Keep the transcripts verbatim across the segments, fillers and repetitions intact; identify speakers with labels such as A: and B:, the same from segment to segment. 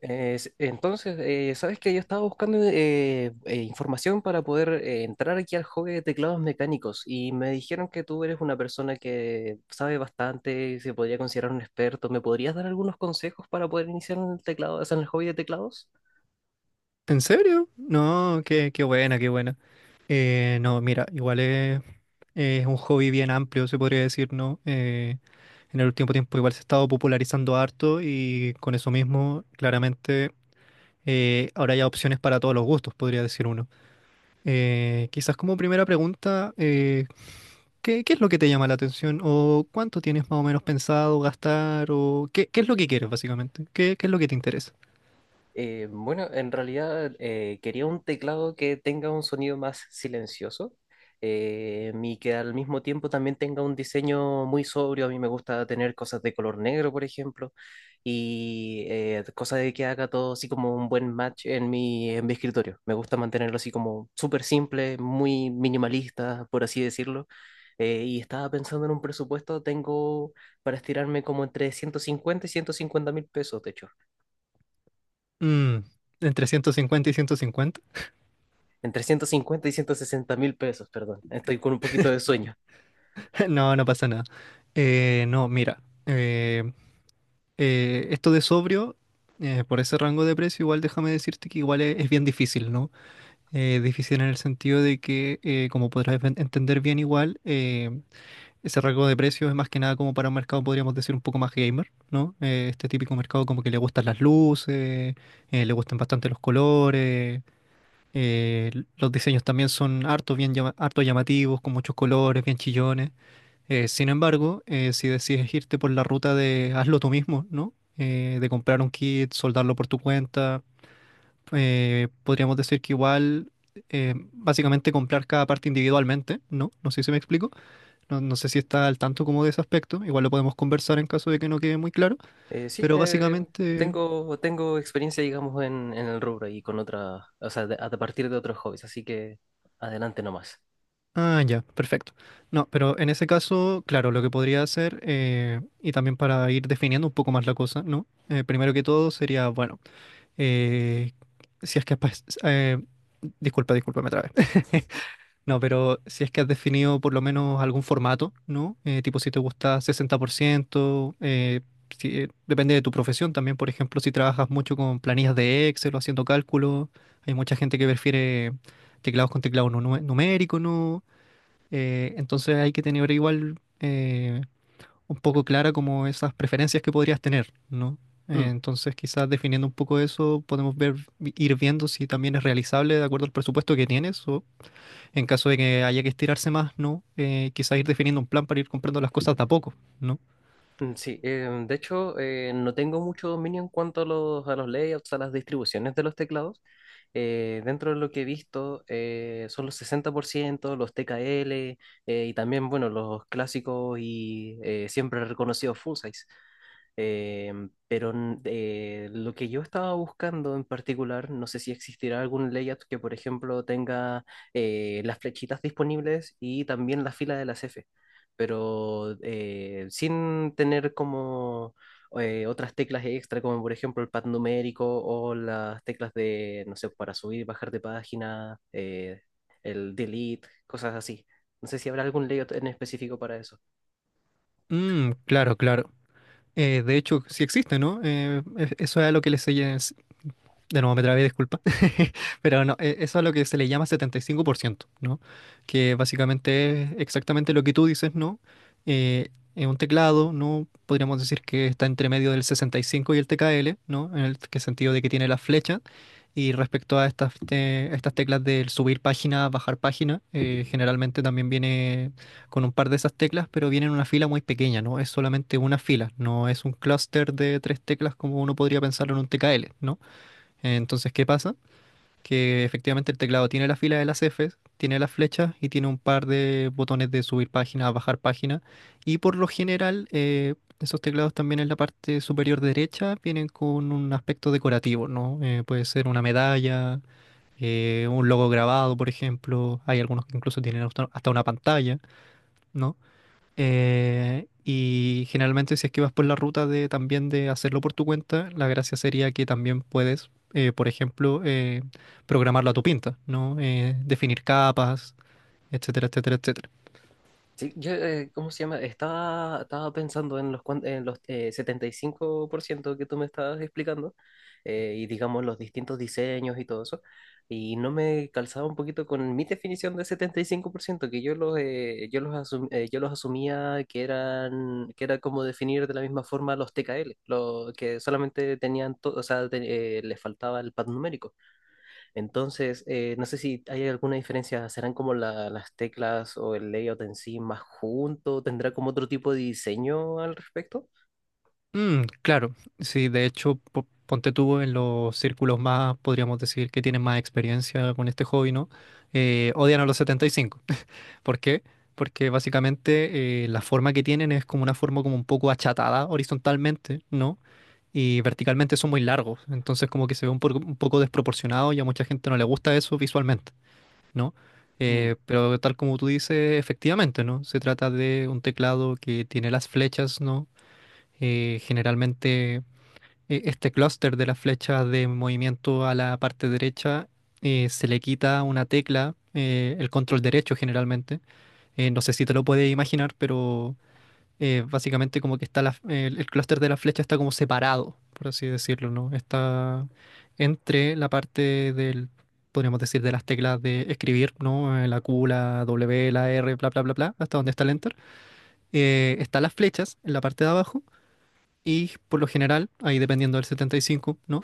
A: Es- entonces, eh, sabes que yo estaba buscando eh, eh, información para poder eh, entrar aquí al hobby de teclados mecánicos y me dijeron que tú eres una persona que sabe bastante, se podría considerar un experto. ¿Me podrías dar algunos consejos para poder iniciar en el teclado, o sea, en el hobby de teclados?
B: ¿En serio? No, qué, qué buena, qué buena. Eh, no, mira, igual es, es un hobby bien amplio, se podría decir, ¿no? Eh, en el último tiempo igual se ha estado popularizando harto y con eso mismo, claramente, eh, ahora hay opciones para todos los gustos, podría decir uno. Eh, quizás como primera pregunta, eh, ¿qué, qué es lo que te llama la atención? ¿O cuánto tienes más o menos pensado gastar? ¿O qué, qué es lo que quieres, básicamente? ¿Qué, qué es lo que te interesa?
A: Eh, bueno, en realidad eh, quería un teclado que tenga un sonido más silencioso eh, y que al mismo tiempo también tenga un diseño muy sobrio. A mí me gusta tener cosas de color negro, por ejemplo, y eh, cosas de que haga todo así como un buen match en mi, en mi escritorio. Me gusta mantenerlo así como súper simple, muy minimalista, por así decirlo. Eh, y estaba pensando en un presupuesto, tengo para estirarme como entre ciento cincuenta y ciento cincuenta mil pesos, de hecho.
B: Mm, ¿entre ciento cincuenta y ciento cincuenta?
A: entre ciento cincuenta y ciento sesenta mil pesos, perdón. Estoy con un poquito de sueño.
B: No, no pasa nada. Eh, no, mira, eh, eh, esto de sobrio, eh, por ese rango de precio, igual déjame decirte que igual es, es bien difícil, ¿no? Eh, difícil en el sentido de que, eh, como podrás ven- entender bien igual, eh, ese rango de precio es más que nada como para un mercado, podríamos decir, un poco más gamer, ¿no? Eh, este típico mercado como que le gustan las luces, eh, le gustan bastante los colores. eh, los diseños también son harto, bien llama- harto llamativos, con muchos colores, bien chillones. Eh, sin embargo, eh, si decides irte por la ruta de hazlo tú mismo, ¿no? Eh, de comprar un kit, soldarlo por tu cuenta, eh, podríamos decir que igual, eh, básicamente comprar cada parte individualmente, ¿no? No sé si me explico, no, no sé si está al tanto como de ese aspecto, igual lo podemos conversar en caso de que no quede muy claro,
A: Eh, sí,
B: pero
A: eh,
B: básicamente...
A: tengo, tengo experiencia, digamos, en, en el rubro y con otra, o sea, de- a partir de otros hobbies, así que adelante nomás.
B: Ah, ya, perfecto. No, pero en ese caso, claro, lo que podría hacer, eh, y también para ir definiendo un poco más la cosa, ¿no? Eh, primero que todo sería, bueno, eh, si es que has, pas- eh, disculpa, disculpa, me trabé. No, pero si es que has definido por lo menos algún formato, ¿no? Eh, tipo si te gusta sesenta por ciento, eh, si- eh, depende de tu profesión también, por ejemplo, si trabajas mucho con planillas de Excel o haciendo cálculos, hay mucha gente que prefiere teclados con teclado nu- numérico, ¿no? Eh, entonces hay que tener igual eh, un poco clara como esas preferencias que podrías tener, ¿no? Eh,
A: Mm,
B: Entonces, quizás definiendo un poco eso, podemos ver, ir viendo si también es realizable de acuerdo al presupuesto que tienes o en caso de que haya que estirarse más, ¿no? Eh, quizás ir definiendo un plan para ir comprando las cosas de a poco, ¿no?
A: mm, sí, eh, de hecho, eh, no tengo mucho dominio en cuanto a los, a los layouts, a las distribuciones de los teclados. Eh, dentro de lo que he visto, eh, son los sesenta por ciento los T K L, eh, y también, bueno, los clásicos y eh, siempre reconocidos full size. Eh, pero eh, lo que yo estaba buscando en particular, no sé si existirá algún layout que, por ejemplo, tenga eh, las flechitas disponibles y también la fila de las F, pero eh, sin tener como eh, otras teclas extra, como por ejemplo el pad numérico o las teclas de, no sé, para subir y bajar de página, eh, el delete, cosas así. No sé si habrá algún layout en específico para eso.
B: Mm, claro, claro. Eh, de hecho, sí existe, ¿no? Eh, e- eso es a lo que les, de nuevo me trabé, disculpa, pero no, e- eso es lo que se le llama setenta y cinco por ciento, ¿no? Que básicamente es exactamente lo que tú dices, ¿no? Eh, en un teclado, ¿no? Podríamos decir que está entre medio del sesenta y cinco y el T K L, ¿no? En el que sentido de que tiene las flechas. Y respecto a estas, te- estas teclas del subir página, bajar página, eh, generalmente también viene con un par de esas teclas, pero viene en una fila muy pequeña, ¿no? Es solamente una fila, no es un clúster de tres teclas como uno podría pensarlo en un T K L, ¿no? Entonces, ¿qué pasa? Que efectivamente el teclado tiene la fila de las Fs, tiene las flechas y tiene un par de botones de subir página, bajar página. Y por lo general, eh, esos teclados también en la parte superior derecha vienen con un aspecto decorativo, ¿no? Eh, puede ser una medalla, eh, un logo grabado, por ejemplo. Hay algunos que incluso tienen hasta hasta una pantalla, ¿no? Eh, y generalmente si es que vas por la ruta de también de hacerlo por tu cuenta, la gracia sería que también puedes, eh, por ejemplo, eh, programarlo a tu pinta, ¿no? Eh, definir capas, etcétera, etcétera, etcétera.
A: Sí, yo, eh, ¿cómo se llama? Estaba, estaba pensando en los, cuan- en los eh, setenta y cinco por ciento que tú me estabas explicando, eh, y digamos los distintos diseños y todo eso. Y no me calzaba un poquito con mi definición de setenta y cinco por ciento que yo los, eh, yo los, asum- eh, yo los asumía que eran, que era como definir de la misma forma los T K L, los que solamente tenían, to- o sea, te- eh, les faltaba el pad numérico. Entonces, eh, no sé si hay alguna diferencia, ¿serán como la- las teclas o el layout en sí más junto? ¿Tendrá como otro tipo de diseño al respecto?
B: Mm, claro, sí, de hecho, po- ponte tú en los círculos más, podríamos decir, que tienen más experiencia con este hobby, ¿no? Eh, odian a los setenta y cinco. ¿Por qué? Porque básicamente eh, la forma que tienen es como una forma como un poco achatada horizontalmente, ¿no? Y verticalmente son muy largos, entonces como que se ve un, por- un poco desproporcionado y a mucha gente no le gusta eso visualmente, ¿no?
A: Mm.
B: Eh, pero tal como tú dices, efectivamente, ¿no? Se trata de un teclado que tiene las flechas, ¿no? Eh, generalmente eh, este clúster de las flechas de movimiento a la parte derecha eh, se le quita una tecla, eh, el control derecho generalmente, eh, no sé si te lo puedes imaginar, pero eh, básicamente como que está la- el, el clúster de la flecha está como separado, por así decirlo, ¿no? Está entre la parte del, podríamos decir, de las teclas de escribir, ¿no? Eh, La Q, la W, la R, bla, bla, bla, bla, hasta donde está el Enter. Eh, están las flechas en la parte de abajo y por lo general, ahí dependiendo del setenta y cinco, ¿no?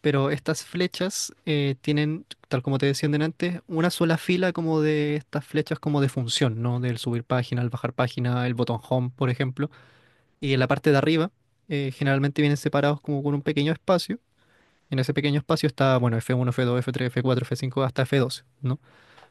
B: Pero estas flechas eh, tienen, tal como te decía antes, una sola fila como de estas flechas como de función, ¿no? Del subir página, el bajar página, el botón home, por ejemplo. Y en la parte de arriba eh, generalmente vienen separados como con un pequeño espacio. En ese pequeño espacio está, bueno, F uno, F dos, F tres, F cuatro, F cinco, hasta F doce, ¿no?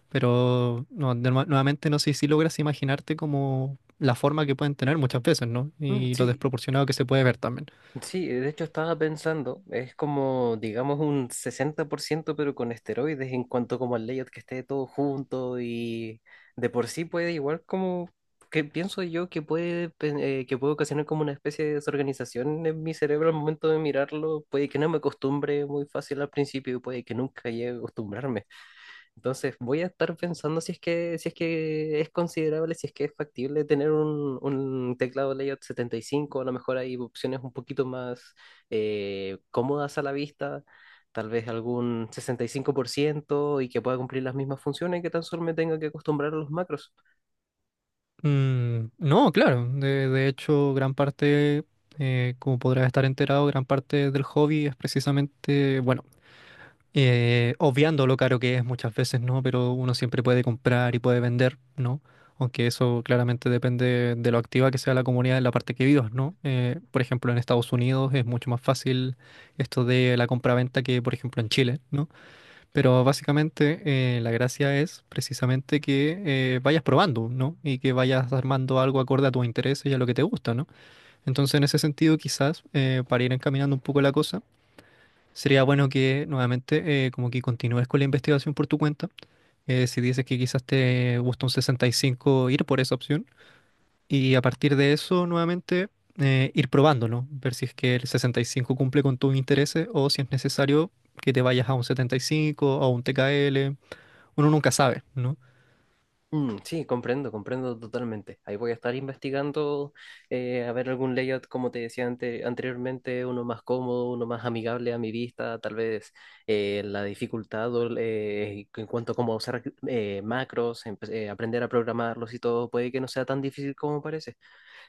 B: Pero no, de- nueva- nuevamente no sé si logras imaginarte como la forma que pueden tener muchas veces, ¿no?
A: Mm,
B: Y lo
A: sí.
B: desproporcionado que se puede ver también.
A: Sí, de hecho estaba pensando, es como, digamos, un sesenta por ciento, pero con esteroides en cuanto como al layout que esté todo junto y de por sí puede igual como, que pienso yo que puede, pen- eh, que puede ocasionar como una especie de desorganización en mi cerebro al momento de mirarlo, puede que no me acostumbre muy fácil al principio y puede que nunca llegue a acostumbrarme. Entonces voy a estar pensando si es que, si es que es considerable, si es que es factible tener un, un teclado layout setenta y cinco. A lo mejor hay opciones un poquito más eh, cómodas a la vista, tal vez algún sesenta y cinco por ciento y que pueda cumplir las mismas funciones que tan solo me tenga que acostumbrar a los macros.
B: Mm, no, claro. De, de hecho, gran parte, eh, como podrás estar enterado, gran parte del hobby es precisamente, bueno, eh, obviando lo caro que es muchas veces, ¿no? Pero uno siempre puede comprar y puede vender, ¿no? Aunque eso claramente depende de lo activa que sea la comunidad en la parte que vivas, ¿no? Eh, por ejemplo, en Estados Unidos es mucho más fácil esto de la compraventa que, por ejemplo, en Chile, ¿no? Pero básicamente eh, la gracia es precisamente que eh, vayas probando, ¿no? Y que vayas armando algo acorde a tus intereses y a lo que te gusta, ¿no? Entonces, en ese sentido, quizás eh, para ir encaminando un poco la cosa, sería bueno que nuevamente eh, como que continúes con la investigación por tu cuenta. Eh, si dices que quizás te gusta un sesenta y cinco, ir por esa opción. Y a partir de eso, nuevamente, eh, ir probando, ¿no? Ver si es que el sesenta y cinco cumple con tus intereses o si es necesario que te vayas a un setenta y cinco o a un T K L, uno nunca sabe, ¿no?
A: Mm, sí, comprendo, comprendo totalmente. Ahí voy a estar investigando eh, a ver algún layout, como te decía ante- anteriormente, uno más cómodo, uno más amigable a mi vista, tal vez eh, la dificultad o el, eh, en cuanto a cómo usar eh, macros, empe- eh, aprender a programarlos y todo, puede que no sea tan difícil como parece.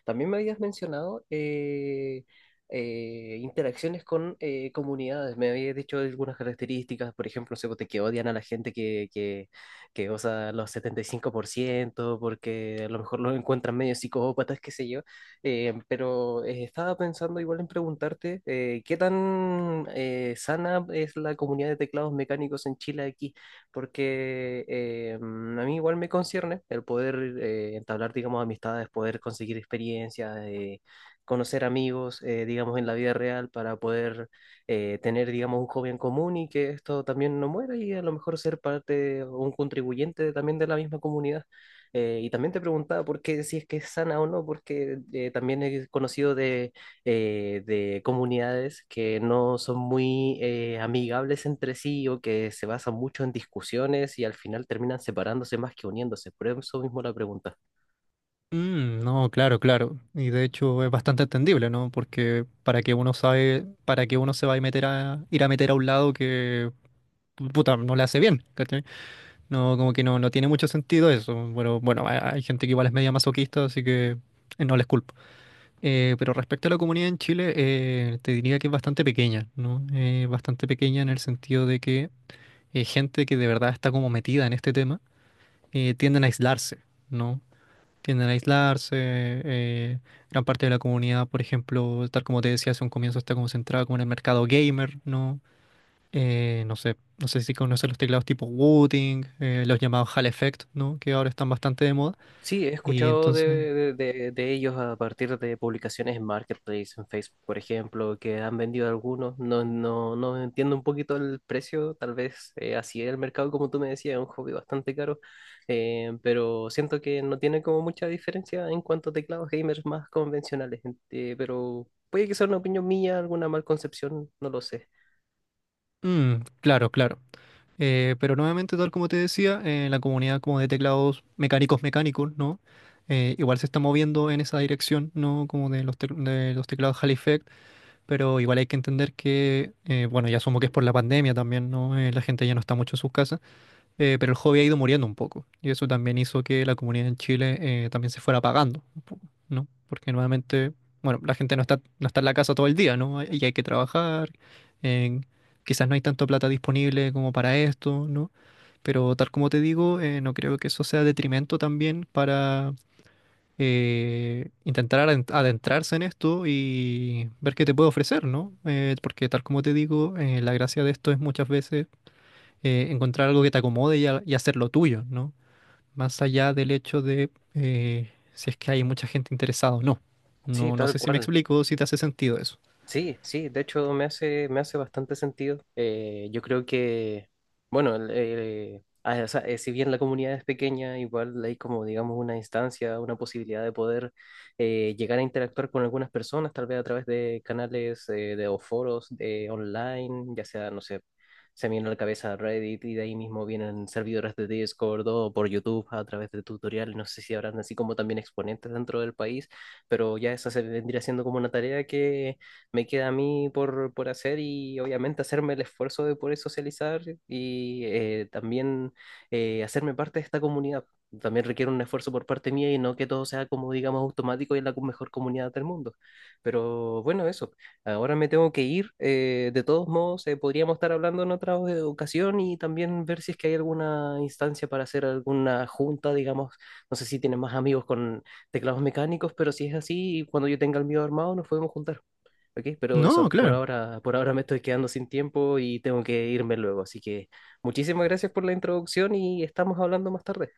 A: También me habías mencionado eh, eh, interacciones con eh, comunidades. Me habías dicho algunas características, por ejemplo, no sé, pues, de que odian a la gente que, que, que usa los setenta y cinco por ciento porque a lo mejor los encuentran medio psicópatas, qué sé yo. Eh, pero eh, estaba pensando igual en preguntarte, eh, ¿qué tan eh, sana es la comunidad de teclados mecánicos en Chile aquí? Porque eh, mm, a mí igual me concierne el poder eh, entablar, digamos, amistades, poder conseguir experiencias, eh, conocer amigos, eh, digamos, en la vida real para poder eh, tener, digamos, un hobby en común y que esto también no muera y a lo mejor ser parte o un contribuyente también de la misma comunidad. Eh, y también te preguntaba por qué, si es que es sana o no, porque eh, también he conocido de eh, de comunidades que no son muy eh, amigables entre sí o que se basan mucho en discusiones y al final terminan separándose más que uniéndose. Por eso mismo la pregunta.
B: Mm, no, claro, claro. Y de hecho es bastante entendible, ¿no? Porque para que uno sabe, para que uno se va a meter a ir a meter a un lado que pu- puta, no le hace bien, ¿cachai? No, como que no, no tiene mucho sentido eso. Bueno, bueno, hay, hay gente que igual es media masoquista, así que eh, no les culpo. Eh, pero respecto a la comunidad en Chile, eh, te diría que es bastante pequeña, ¿no? Eh, bastante pequeña en el sentido de que eh, gente que de verdad está como metida en este tema eh, tienden a aislarse, ¿no? Tienden a aislarse, eh, gran parte de la comunidad, por ejemplo, tal como te decía hace un comienzo, está como concentrada como en el mercado gamer, ¿no? Eh, no sé, no sé si conoces los teclados tipo Wooting, eh, los llamados Hall Effect, ¿no? Que ahora están bastante de moda.
A: Sí, he
B: Y
A: escuchado
B: entonces,
A: de, de- de- de ellos a partir de publicaciones en Marketplace, en Facebook, por ejemplo, que han vendido algunos. No, no, no entiendo un poquito el precio, tal vez eh, así es el mercado, como tú me decías, es un hobby bastante caro, eh, pero siento que no tiene como mucha diferencia en cuanto a teclados gamers más convencionales, eh, pero puede que sea una opinión mía, alguna mal concepción, no lo sé.
B: mm, claro, claro. Eh, pero nuevamente, tal como te decía, eh, la comunidad como de teclados mecánicos mecánicos, ¿no? Eh, igual se está moviendo en esa dirección, ¿no? Como de los, tec- de los teclados Hall Effect, pero igual hay que entender que, eh, bueno, ya asumo que es por la pandemia también, ¿no? Eh, la gente ya no está mucho en sus casas, eh, pero el hobby ha ido muriendo un poco. Y eso también hizo que la comunidad en Chile eh, también se fuera apagando, un poco, ¿no? Porque nuevamente, bueno, la gente no está, no está en la casa todo el día, ¿no? Y hay que trabajar, eh, quizás no hay tanto plata disponible como para esto, ¿no? Pero tal como te digo, eh, no creo que eso sea detrimento también para eh, intentar aden- adentrarse en esto y ver qué te puede ofrecer, ¿no? Eh, porque tal como te digo, eh, la gracia de esto es muchas veces eh, encontrar algo que te acomode y, a- y hacerlo tuyo, ¿no? Más allá del hecho de eh, si es que hay mucha gente interesada o no.
A: Sí,
B: No, no
A: tal
B: sé si me
A: cual.
B: explico, si te hace sentido eso.
A: Sí, sí, de hecho me hace, me hace bastante sentido. Eh, yo creo que, bueno, el- eh, ah, o sea, eh, si bien la comunidad es pequeña, igual hay como, digamos, una instancia, una posibilidad de poder eh, llegar a interactuar con algunas personas, tal vez a través de canales eh, de, o foros de, online, ya sea, no sé, se me viene a la cabeza Reddit y de ahí mismo vienen servidores de Discord o por YouTube a través de tutoriales, no sé si habrán así como también exponentes dentro del país, pero ya esa se vendría siendo como una tarea que me queda a mí por, por hacer y obviamente hacerme el esfuerzo de poder socializar y eh, también eh, hacerme parte de esta comunidad. También requiere un esfuerzo por parte mía y no que todo sea como digamos automático y la co- mejor comunidad del mundo. Pero bueno, eso. Ahora me tengo que ir. Eh, de todos modos, eh, podríamos estar hablando en otra eh, ocasión y también ver si es que hay alguna instancia para hacer alguna junta, digamos. No sé si tienen más amigos con teclados mecánicos, pero si es así, cuando yo tenga el mío armado, nos podemos juntar. Ok, pero eso,
B: No,
A: por
B: claro,
A: ahora, por ahora me estoy quedando sin tiempo y tengo que irme luego. Así que muchísimas gracias por la introducción y estamos hablando más tarde.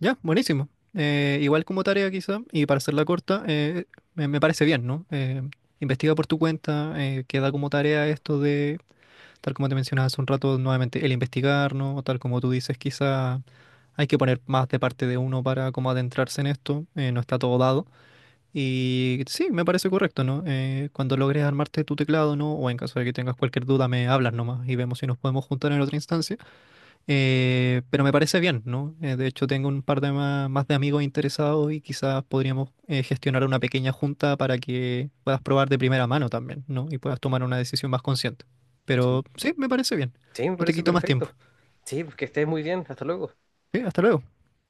B: ya, buenísimo. Eh, igual como tarea quizá, y para hacerla corta, eh, me, me parece bien, ¿no? Eh, investiga por tu cuenta, eh, queda como tarea esto de... Tal como te mencionaba hace un rato, nuevamente, el investigar, ¿no? O tal como tú dices, quizá hay que poner más de parte de uno para como adentrarse en esto, eh, no está todo dado. Y sí, me parece correcto, ¿no? Eh, cuando logres armarte tu teclado, ¿no? O en caso de que tengas cualquier duda, me hablas nomás y vemos si nos podemos juntar en otra instancia. Eh, pero me parece bien, ¿no? Eh, de hecho, tengo un par de ma- más, de amigos interesados y quizás podríamos eh, gestionar una pequeña junta para que puedas probar de primera mano también, ¿no? Y puedas tomar una decisión más consciente.
A: Sí.
B: Pero sí, me parece bien.
A: Sí, me
B: No te
A: parece
B: quito más tiempo.
A: perfecto. Sí, pues que estés muy bien. Hasta luego.
B: Sí, hasta luego.